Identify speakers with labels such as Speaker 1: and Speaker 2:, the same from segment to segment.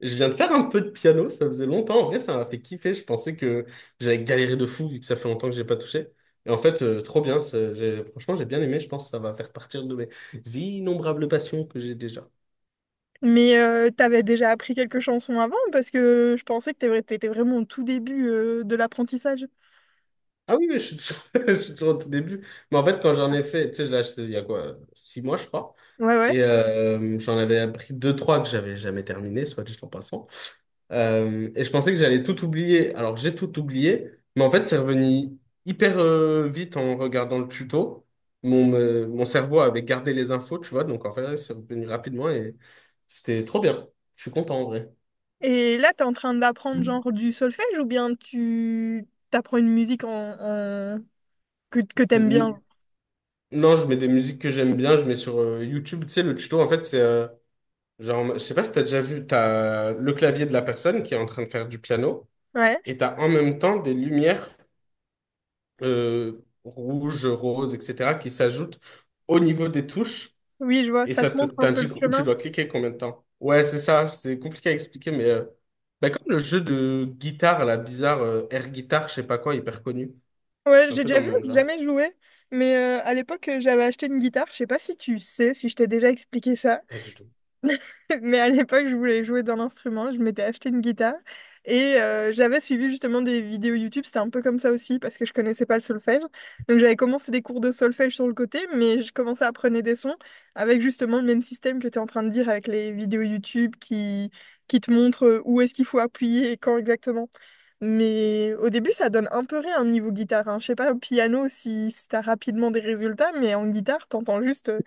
Speaker 1: Je viens de faire un peu de piano, ça faisait longtemps. En vrai, ça m'a fait kiffer. Je pensais que j'allais galérer de fou vu que ça fait longtemps que j'ai pas touché. Et en fait, trop bien. Franchement, j'ai bien aimé. Je pense que ça va faire partir de mes innombrables passions que j'ai déjà.
Speaker 2: Mais t'avais déjà appris quelques chansons avant parce que je pensais que t'étais vraiment au tout début de l'apprentissage.
Speaker 1: Ah oui, mais je suis toujours... je suis toujours au tout début. Mais en fait, quand j'en ai fait, tu sais, je l'ai acheté il y a quoi, 6 mois, je crois.
Speaker 2: Ouais, ouais.
Speaker 1: Et j'en avais appris deux, trois que j'avais jamais terminé, soit dit en passant. Et je pensais que j'allais tout oublier. Alors j'ai tout oublié, mais en fait c'est revenu hyper vite en regardant le tuto. Mon cerveau avait gardé les infos, tu vois, donc en fait c'est revenu rapidement et c'était trop bien. Je suis content en vrai.
Speaker 2: Et là, t'es en train d'apprendre genre du solfège ou bien tu t'apprends une musique en- que t'aimes bien,
Speaker 1: N-
Speaker 2: genre.
Speaker 1: Non, je mets des musiques que j'aime bien, je mets sur YouTube, tu sais, le tuto en fait c'est genre, je sais pas si t'as déjà vu, t'as le clavier de la personne qui est en train de faire du piano
Speaker 2: Ouais,
Speaker 1: et t'as en même temps des lumières euh, rouge, rose, etc., qui s'ajoutent au niveau des touches
Speaker 2: oui, je vois,
Speaker 1: et
Speaker 2: ça te montre un peu le
Speaker 1: t'indique où tu
Speaker 2: chemin.
Speaker 1: dois cliquer combien de temps. Ouais, c'est ça, c'est compliqué à expliquer, mais bah, comme le jeu de guitare, la bizarre air guitare, je sais pas quoi, hyper connu,
Speaker 2: Ouais,
Speaker 1: un
Speaker 2: j'ai
Speaker 1: peu
Speaker 2: déjà
Speaker 1: dans
Speaker 2: vu,
Speaker 1: le même
Speaker 2: j'ai
Speaker 1: genre.
Speaker 2: jamais joué. Mais à l'époque, j'avais acheté une guitare. Je sais pas si tu sais, si je t'ai déjà expliqué ça.
Speaker 1: Pas du tout.
Speaker 2: Mais à l'époque, je voulais jouer d'un instrument. Je m'étais acheté une guitare et j'avais suivi justement des vidéos YouTube. C'était un peu comme ça aussi parce que je connaissais pas le solfège. Donc j'avais commencé des cours de solfège sur le côté, mais je commençais à apprendre des sons avec justement le même système que tu es en train de dire avec les vidéos YouTube qui te montrent où est-ce qu'il faut appuyer et quand exactement. Mais au début, ça donne un peu rien niveau guitare, hein. Je sais pas, au piano, si t'as rapidement des résultats, mais en guitare, t'entends juste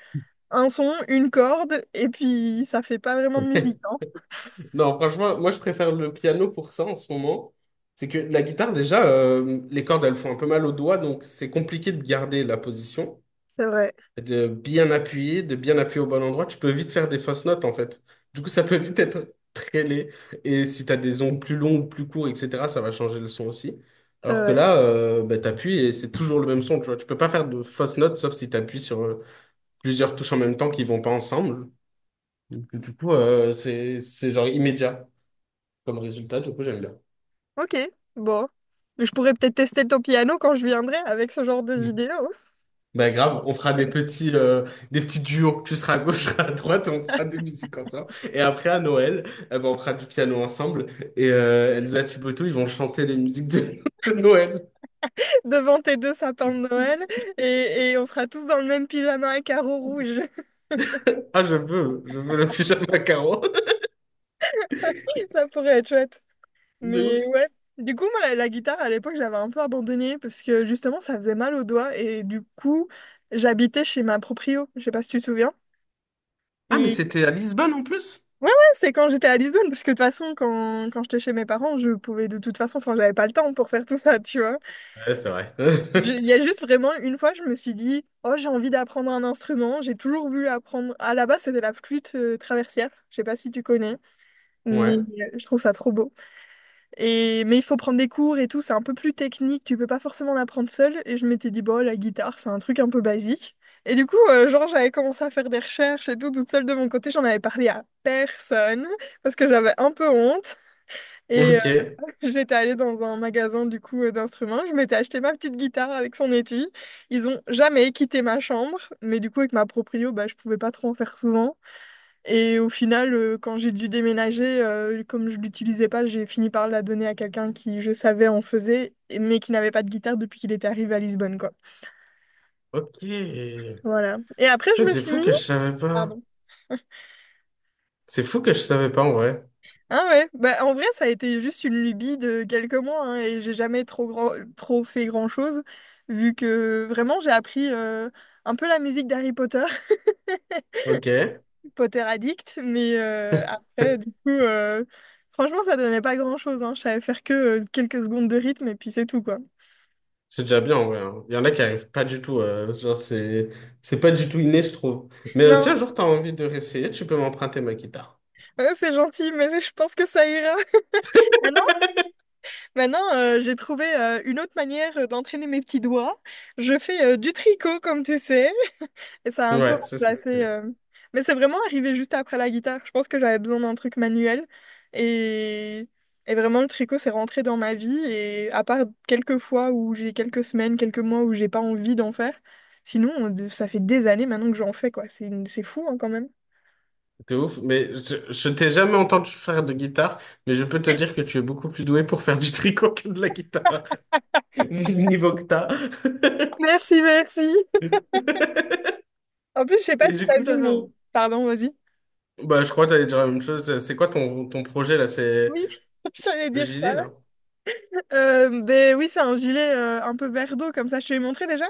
Speaker 2: un son, une corde, et puis ça fait pas vraiment de musique, hein.
Speaker 1: Non, franchement, moi je préfère le piano pour ça en ce moment. C'est que la guitare, déjà, les cordes, elles font un peu mal aux doigts, donc c'est compliqué de garder la position,
Speaker 2: C'est vrai,
Speaker 1: de bien appuyer au bon endroit, tu peux vite faire des fausses notes en fait. Du coup, ça peut vite être très laid. Et si tu as des ongles plus longs ou plus courts, etc., ça va changer le son aussi.
Speaker 2: c'est
Speaker 1: Alors que
Speaker 2: vrai.
Speaker 1: là, bah, t'appuies et c'est toujours le même son, tu vois. Tu peux pas faire de fausses notes sauf si t'appuies sur plusieurs touches en même temps qui vont pas ensemble. Donc, du coup, c'est genre immédiat comme résultat, du coup, j'aime bien.
Speaker 2: Ok, bon. Je pourrais peut-être tester ton piano quand je viendrai avec ce genre de vidéo,
Speaker 1: Bah grave, on fera des petits duos. Tu seras à gauche, je serai à droite, on fera des musiques ensemble. Et après, à Noël, eh ben, on fera du piano ensemble. Et Elsa Thibodeau, ils vont chanter les musiques de, de Noël.
Speaker 2: devant tes deux sapins de Noël, et on sera tous dans le même pyjama à carreaux rouges.
Speaker 1: Ah, je veux le pyjama carreau.
Speaker 2: Ça pourrait être chouette.
Speaker 1: De
Speaker 2: Mais
Speaker 1: ouf.
Speaker 2: ouais. Du coup, moi, la guitare, à l'époque, j'avais un peu abandonné parce que justement, ça faisait mal aux doigts et du coup, j'habitais chez ma proprio. Je sais pas si tu te souviens.
Speaker 1: Ah, mais
Speaker 2: Et,
Speaker 1: c'était à Lisbonne en plus?
Speaker 2: Ouais, ouais, c'est quand j'étais à Lisbonne, parce que de toute façon, quand j'étais chez mes parents, je pouvais de toute façon, enfin, j'avais pas le temps pour faire tout ça, tu vois.
Speaker 1: Ouais, c'est vrai.
Speaker 2: Il y a juste vraiment une fois, je me suis dit, oh, j'ai envie d'apprendre un instrument, j'ai toujours voulu apprendre. À la base, c'était la flûte traversière, je sais pas si tu connais, mais
Speaker 1: Ouais.
Speaker 2: je trouve ça trop beau. Et, mais il faut prendre des cours et tout, c'est un peu plus technique, tu peux pas forcément l'apprendre seul. Et je m'étais dit, bon, la guitare, c'est un truc un peu basique. Et du coup, genre, j'avais commencé à faire des recherches et tout, toute seule de mon côté, j'en avais parlé à personne, parce que j'avais un peu honte. Et
Speaker 1: Ok.
Speaker 2: j'étais allée dans un magasin, du coup, d'instruments, je m'étais acheté ma petite guitare avec son étui. Ils ont jamais quitté ma chambre, mais du coup, avec ma proprio, bah, je pouvais pas trop en faire souvent. Et au final, quand j'ai dû déménager, comme je l'utilisais pas, j'ai fini par la donner à quelqu'un qui, je savais, en faisait, mais qui n'avait pas de guitare depuis qu'il était arrivé à Lisbonne, quoi.
Speaker 1: Ok.
Speaker 2: Voilà. Et après,
Speaker 1: Ça,
Speaker 2: je me
Speaker 1: c'est
Speaker 2: suis
Speaker 1: fou
Speaker 2: mis...
Speaker 1: que je savais pas.
Speaker 2: Pardon.
Speaker 1: C'est fou que je savais pas en vrai.
Speaker 2: Ah ouais, bah en vrai, ça a été juste une lubie de quelques mois, hein, et j'ai jamais trop fait grand-chose, vu que vraiment, j'ai appris un peu la musique d'Harry Potter,
Speaker 1: Ok.
Speaker 2: Potter Addict, mais après, du coup, franchement, ça donnait pas grand-chose, hein. Je savais faire que quelques secondes de rythme, et puis c'est tout, quoi.
Speaker 1: C'est déjà bien, ouais, hein. Il y en a qui arrivent pas du tout, genre, c'est pas du tout inné, je trouve. Mais si un
Speaker 2: Non,
Speaker 1: jour t'as envie de réessayer, tu peux m'emprunter ma guitare.
Speaker 2: c'est gentil, mais je pense que ça ira. Maintenant, maintenant, j'ai trouvé une autre manière d'entraîner mes petits doigts. Je fais du tricot, comme tu sais, et ça a un peu
Speaker 1: Ouais, ça c'est
Speaker 2: remplacé.
Speaker 1: stylé.
Speaker 2: euh, Mais c'est vraiment arrivé juste après la guitare. Je pense que j'avais besoin d'un truc manuel. Et... et vraiment, le tricot, c'est rentré dans ma vie. Et à part quelques fois où j'ai quelques semaines, quelques mois où j'ai pas envie d'en faire, sinon, ça fait des années maintenant que j'en fais, quoi. C'est fou, hein, quand même.
Speaker 1: T'es ouf. Mais je t'ai jamais entendu faire de guitare, mais je peux te dire que tu es beaucoup plus doué pour faire du tricot que de la guitare, vu le niveau que t'as.
Speaker 2: Merci, merci. En plus, je sais pas
Speaker 1: Et
Speaker 2: si
Speaker 1: du
Speaker 2: t'as
Speaker 1: coup, là,
Speaker 2: vu mon... Pardon, vas-y.
Speaker 1: bah, je crois que t'allais dire la même chose. C'est quoi ton projet, là? C'est
Speaker 2: Oui, j'allais
Speaker 1: le
Speaker 2: dire ça.
Speaker 1: gilet, là?
Speaker 2: Ben oui, c'est un gilet un peu vert d'eau, comme ça, je te l'ai montré déjà.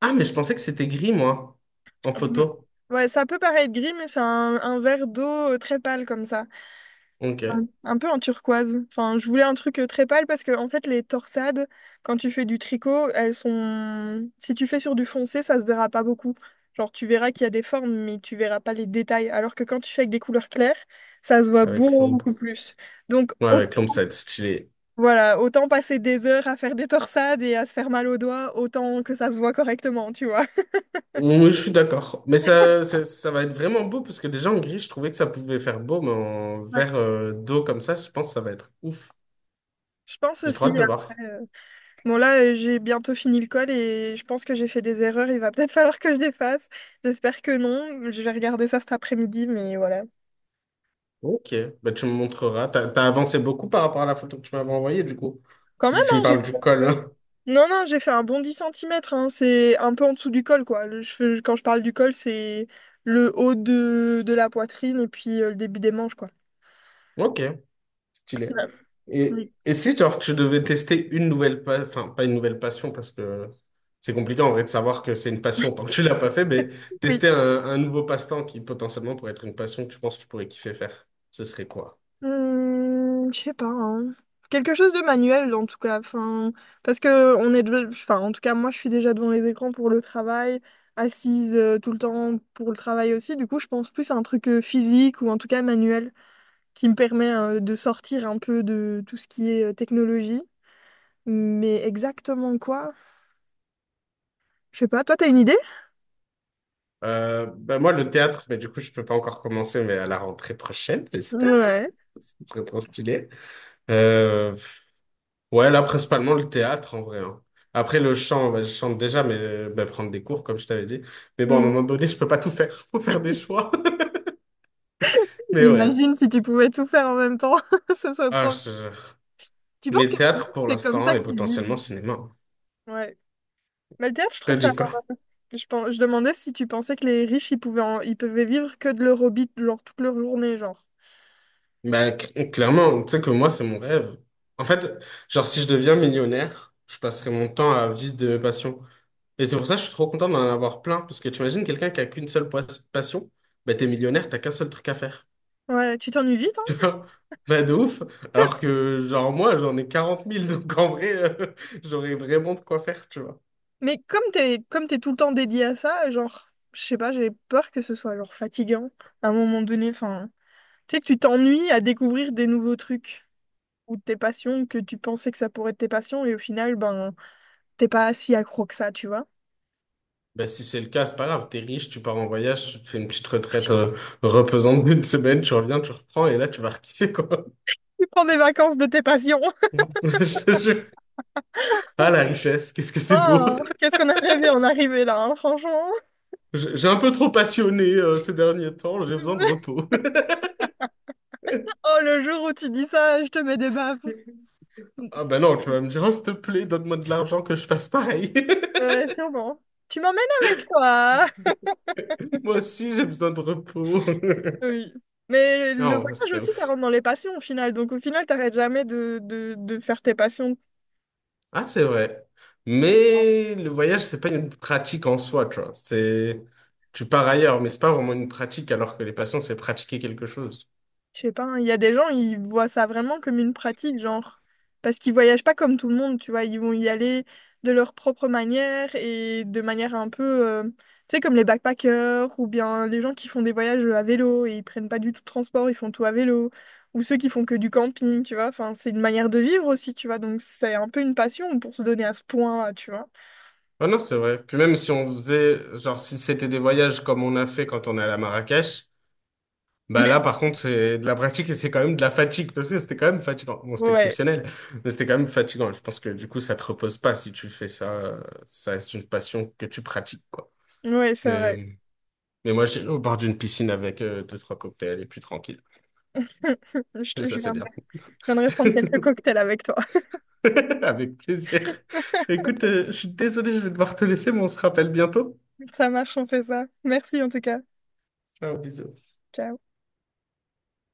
Speaker 1: Ah, mais je pensais que c'était gris, moi, en
Speaker 2: Hum,
Speaker 1: photo.
Speaker 2: Ouais, ça peut paraître gris, mais c'est un vert d'eau très pâle, comme ça. Un,
Speaker 1: Ok,
Speaker 2: un peu en turquoise. Enfin, je voulais un truc très pâle parce que, en fait, les torsades, quand tu fais du tricot, elles sont... Si tu fais sur du foncé, ça se verra pas beaucoup. Genre, tu verras qu'il y a des formes, mais tu verras pas les détails. Alors que quand tu fais avec des couleurs claires, ça se voit
Speaker 1: avec
Speaker 2: beaucoup
Speaker 1: l'ombre.
Speaker 2: plus. Donc,
Speaker 1: Ouais,
Speaker 2: autant
Speaker 1: avec Londres, ça va être stylé.
Speaker 2: voilà, autant passer des heures à faire des torsades et à se faire mal aux doigts, autant que ça se voit correctement, tu vois.
Speaker 1: Oui, je suis d'accord. Mais ça va être vraiment beau parce que déjà en gris, je trouvais que ça pouvait faire beau, mais en
Speaker 2: Ouais.
Speaker 1: vert d'eau comme ça, je pense que ça va être ouf.
Speaker 2: Je pense
Speaker 1: J'ai trop
Speaker 2: aussi,
Speaker 1: hâte de voir.
Speaker 2: après... bon, là, j'ai bientôt fini le col et je pense que j'ai fait des erreurs. Il va peut-être falloir que je les fasse. J'espère que non. Je vais regarder ça cet après-midi, mais voilà.
Speaker 1: Ok, bah, tu me montreras. T'as avancé beaucoup par rapport à la photo que tu m'avais envoyée, du coup.
Speaker 2: Quand même,
Speaker 1: Vu que tu
Speaker 2: hein,
Speaker 1: me
Speaker 2: j'ai
Speaker 1: parles
Speaker 2: fait...
Speaker 1: du
Speaker 2: un peu.
Speaker 1: col.
Speaker 2: Non, non, j'ai fait un bon 10 cm, hein. C'est un peu en dessous du col, quoi. Quand je parle du col, c'est le haut de la poitrine et puis le début des manches, quoi.
Speaker 1: Ok. Stylé.
Speaker 2: Ouais.
Speaker 1: Et,
Speaker 2: Oui.
Speaker 1: et si genre, tu devais tester enfin pas une nouvelle passion parce que c'est compliqué en vrai de savoir que c'est une passion tant que tu l'as pas fait, mais
Speaker 2: Oui.
Speaker 1: tester un nouveau passe-temps qui potentiellement pourrait être une passion que tu penses que tu pourrais kiffer faire, ce serait quoi?
Speaker 2: Hmm, je sais pas, hein. Quelque chose de manuel en tout cas. Enfin, parce que enfin, en tout cas, moi, je suis déjà devant les écrans pour le travail, assise tout le temps pour le travail aussi. Du coup, je pense plus à un truc physique ou en tout cas manuel qui me permet de sortir un peu de tout ce qui est technologie. Mais exactement quoi? Je sais pas. Toi, t'as une idée?
Speaker 1: Ben moi le théâtre, mais du coup je peux pas encore commencer, mais à la rentrée prochaine, j'espère.
Speaker 2: Ouais.
Speaker 1: Ce serait trop stylé. Euh, Ouais, là, principalement le théâtre, en vrai, hein. Après, le chant, bah, je chante déjà, mais bah, prendre des cours, comme je t'avais dit. Mais bon, à un
Speaker 2: Hmm.
Speaker 1: moment donné, je peux pas tout faire. Faut faire des choix. Mais ouais.
Speaker 2: Imagine si tu pouvais tout faire en même temps. Ce serait
Speaker 1: Ah,
Speaker 2: trop.
Speaker 1: je... te jure.
Speaker 2: Tu penses
Speaker 1: Mais
Speaker 2: que
Speaker 1: théâtre pour
Speaker 2: c'est comme
Speaker 1: l'instant
Speaker 2: ça
Speaker 1: et
Speaker 2: qu'ils
Speaker 1: potentiellement
Speaker 2: vivent?
Speaker 1: cinéma, hein.
Speaker 2: Ouais. Mais le théâtre, je
Speaker 1: T'as
Speaker 2: trouve ça...
Speaker 1: dit quoi?
Speaker 2: Je demandais si tu pensais que les riches, ils pouvaient vivre que de leur hobby, genre toute leur journée, genre.
Speaker 1: Bah, clairement, tu sais que moi, c'est mon rêve. En fait, genre, si je deviens millionnaire, je passerai mon temps à vivre de passion. Et c'est pour ça que je suis trop content d'en avoir plein. Parce que tu imagines quelqu'un qui a qu'passion, bah, t'es millionnaire, t'as qu'un seul truc à faire.
Speaker 2: Ouais, tu t'ennuies vite, hein?
Speaker 1: Bah de ouf. Alors que genre moi j'en ai 40 000 donc en vrai euh, j'aurais vraiment de quoi faire tu vois.
Speaker 2: Mais comme t'es tout le temps dédié à ça, genre, je sais pas, j'ai peur que ce soit genre fatigant à un moment donné. Enfin, tu sais que tu t'ennuies à découvrir des nouveaux trucs ou tes passions que tu pensais que ça pourrait être tes passions et au final, ben, t'es pas si accro que ça, tu vois.
Speaker 1: Bah si c'est le cas c'est pas grave, t'es riche, tu pars en voyage, tu te fais une petite retraite reposante d'une semaine, tu reviens, tu reprends et là tu vas rekiffer quoi.
Speaker 2: Tu prends des vacances de tes passions.
Speaker 1: Je te jure. Ah la richesse, qu'est-ce que c'est beau.
Speaker 2: Oh, qu'est-ce qu'on a rêvé en arriver là, hein, franchement.
Speaker 1: J'ai un peu trop passionné ces derniers temps, j'ai besoin de repos.
Speaker 2: Oh, le jour où tu dis ça, je te mets des baffes.
Speaker 1: Ah bah non tu vas me dire oh, s'il te plaît donne-moi de l'argent que je fasse pareil.
Speaker 2: Ouais, sûrement. Tu m'emmènes avec toi.
Speaker 1: Moi aussi j'ai besoin de repos.
Speaker 2: Oui. Mais le
Speaker 1: Non ce
Speaker 2: voyage
Speaker 1: serait
Speaker 2: aussi, ça rentre dans les passions au final. Donc au final, t'arrêtes jamais de faire tes passions.
Speaker 1: Ah, c'est vrai. Mais le voyage, c'est pas une pratique en soi, tu vois. C'est, tu pars ailleurs, mais c'est pas vraiment une pratique, alors que les passions, c'est pratiquer quelque chose.
Speaker 2: Je sais pas, hein, il y a des gens, ils voient ça vraiment comme une pratique, genre, parce qu'ils voyagent pas comme tout le monde, tu vois, ils vont y aller de leur propre manière et de manière un peu, tu sais, comme les backpackers ou bien les gens qui font des voyages à vélo et ils prennent pas du tout de transport, ils font tout à vélo, ou ceux qui font que du camping, tu vois, enfin, c'est une manière de vivre aussi, tu vois, donc c'est un peu une passion pour se donner à ce point, tu vois.
Speaker 1: Ah non, c'est vrai. Puis même si on faisait, genre, si c'était des voyages comme on a fait quand on est allé à Marrakech, bah là, par contre, c'est de la pratique et c'est quand même de la fatigue, parce que c'était quand même fatigant. Bon, c'était
Speaker 2: Ouais,
Speaker 1: exceptionnel, mais c'était quand même fatigant. Je pense que du coup, ça te repose pas si tu fais ça. Ça reste une passion que tu pratiques, quoi.
Speaker 2: ouais, c'est vrai.
Speaker 1: Mais, mais moi, j'ai au bord d'une piscine avec deux, trois cocktails et puis tranquille.
Speaker 2: Je, te-
Speaker 1: Ça,
Speaker 2: je
Speaker 1: c'est bien.
Speaker 2: viendrai, je viendrai prendre quelques cocktails avec toi.
Speaker 1: Avec plaisir. Écoute, je suis désolé, je vais devoir te laisser, mais on se rappelle bientôt.
Speaker 2: Ça marche, on fait ça. Merci en tout cas.
Speaker 1: Ciao, bisous.
Speaker 2: Ciao.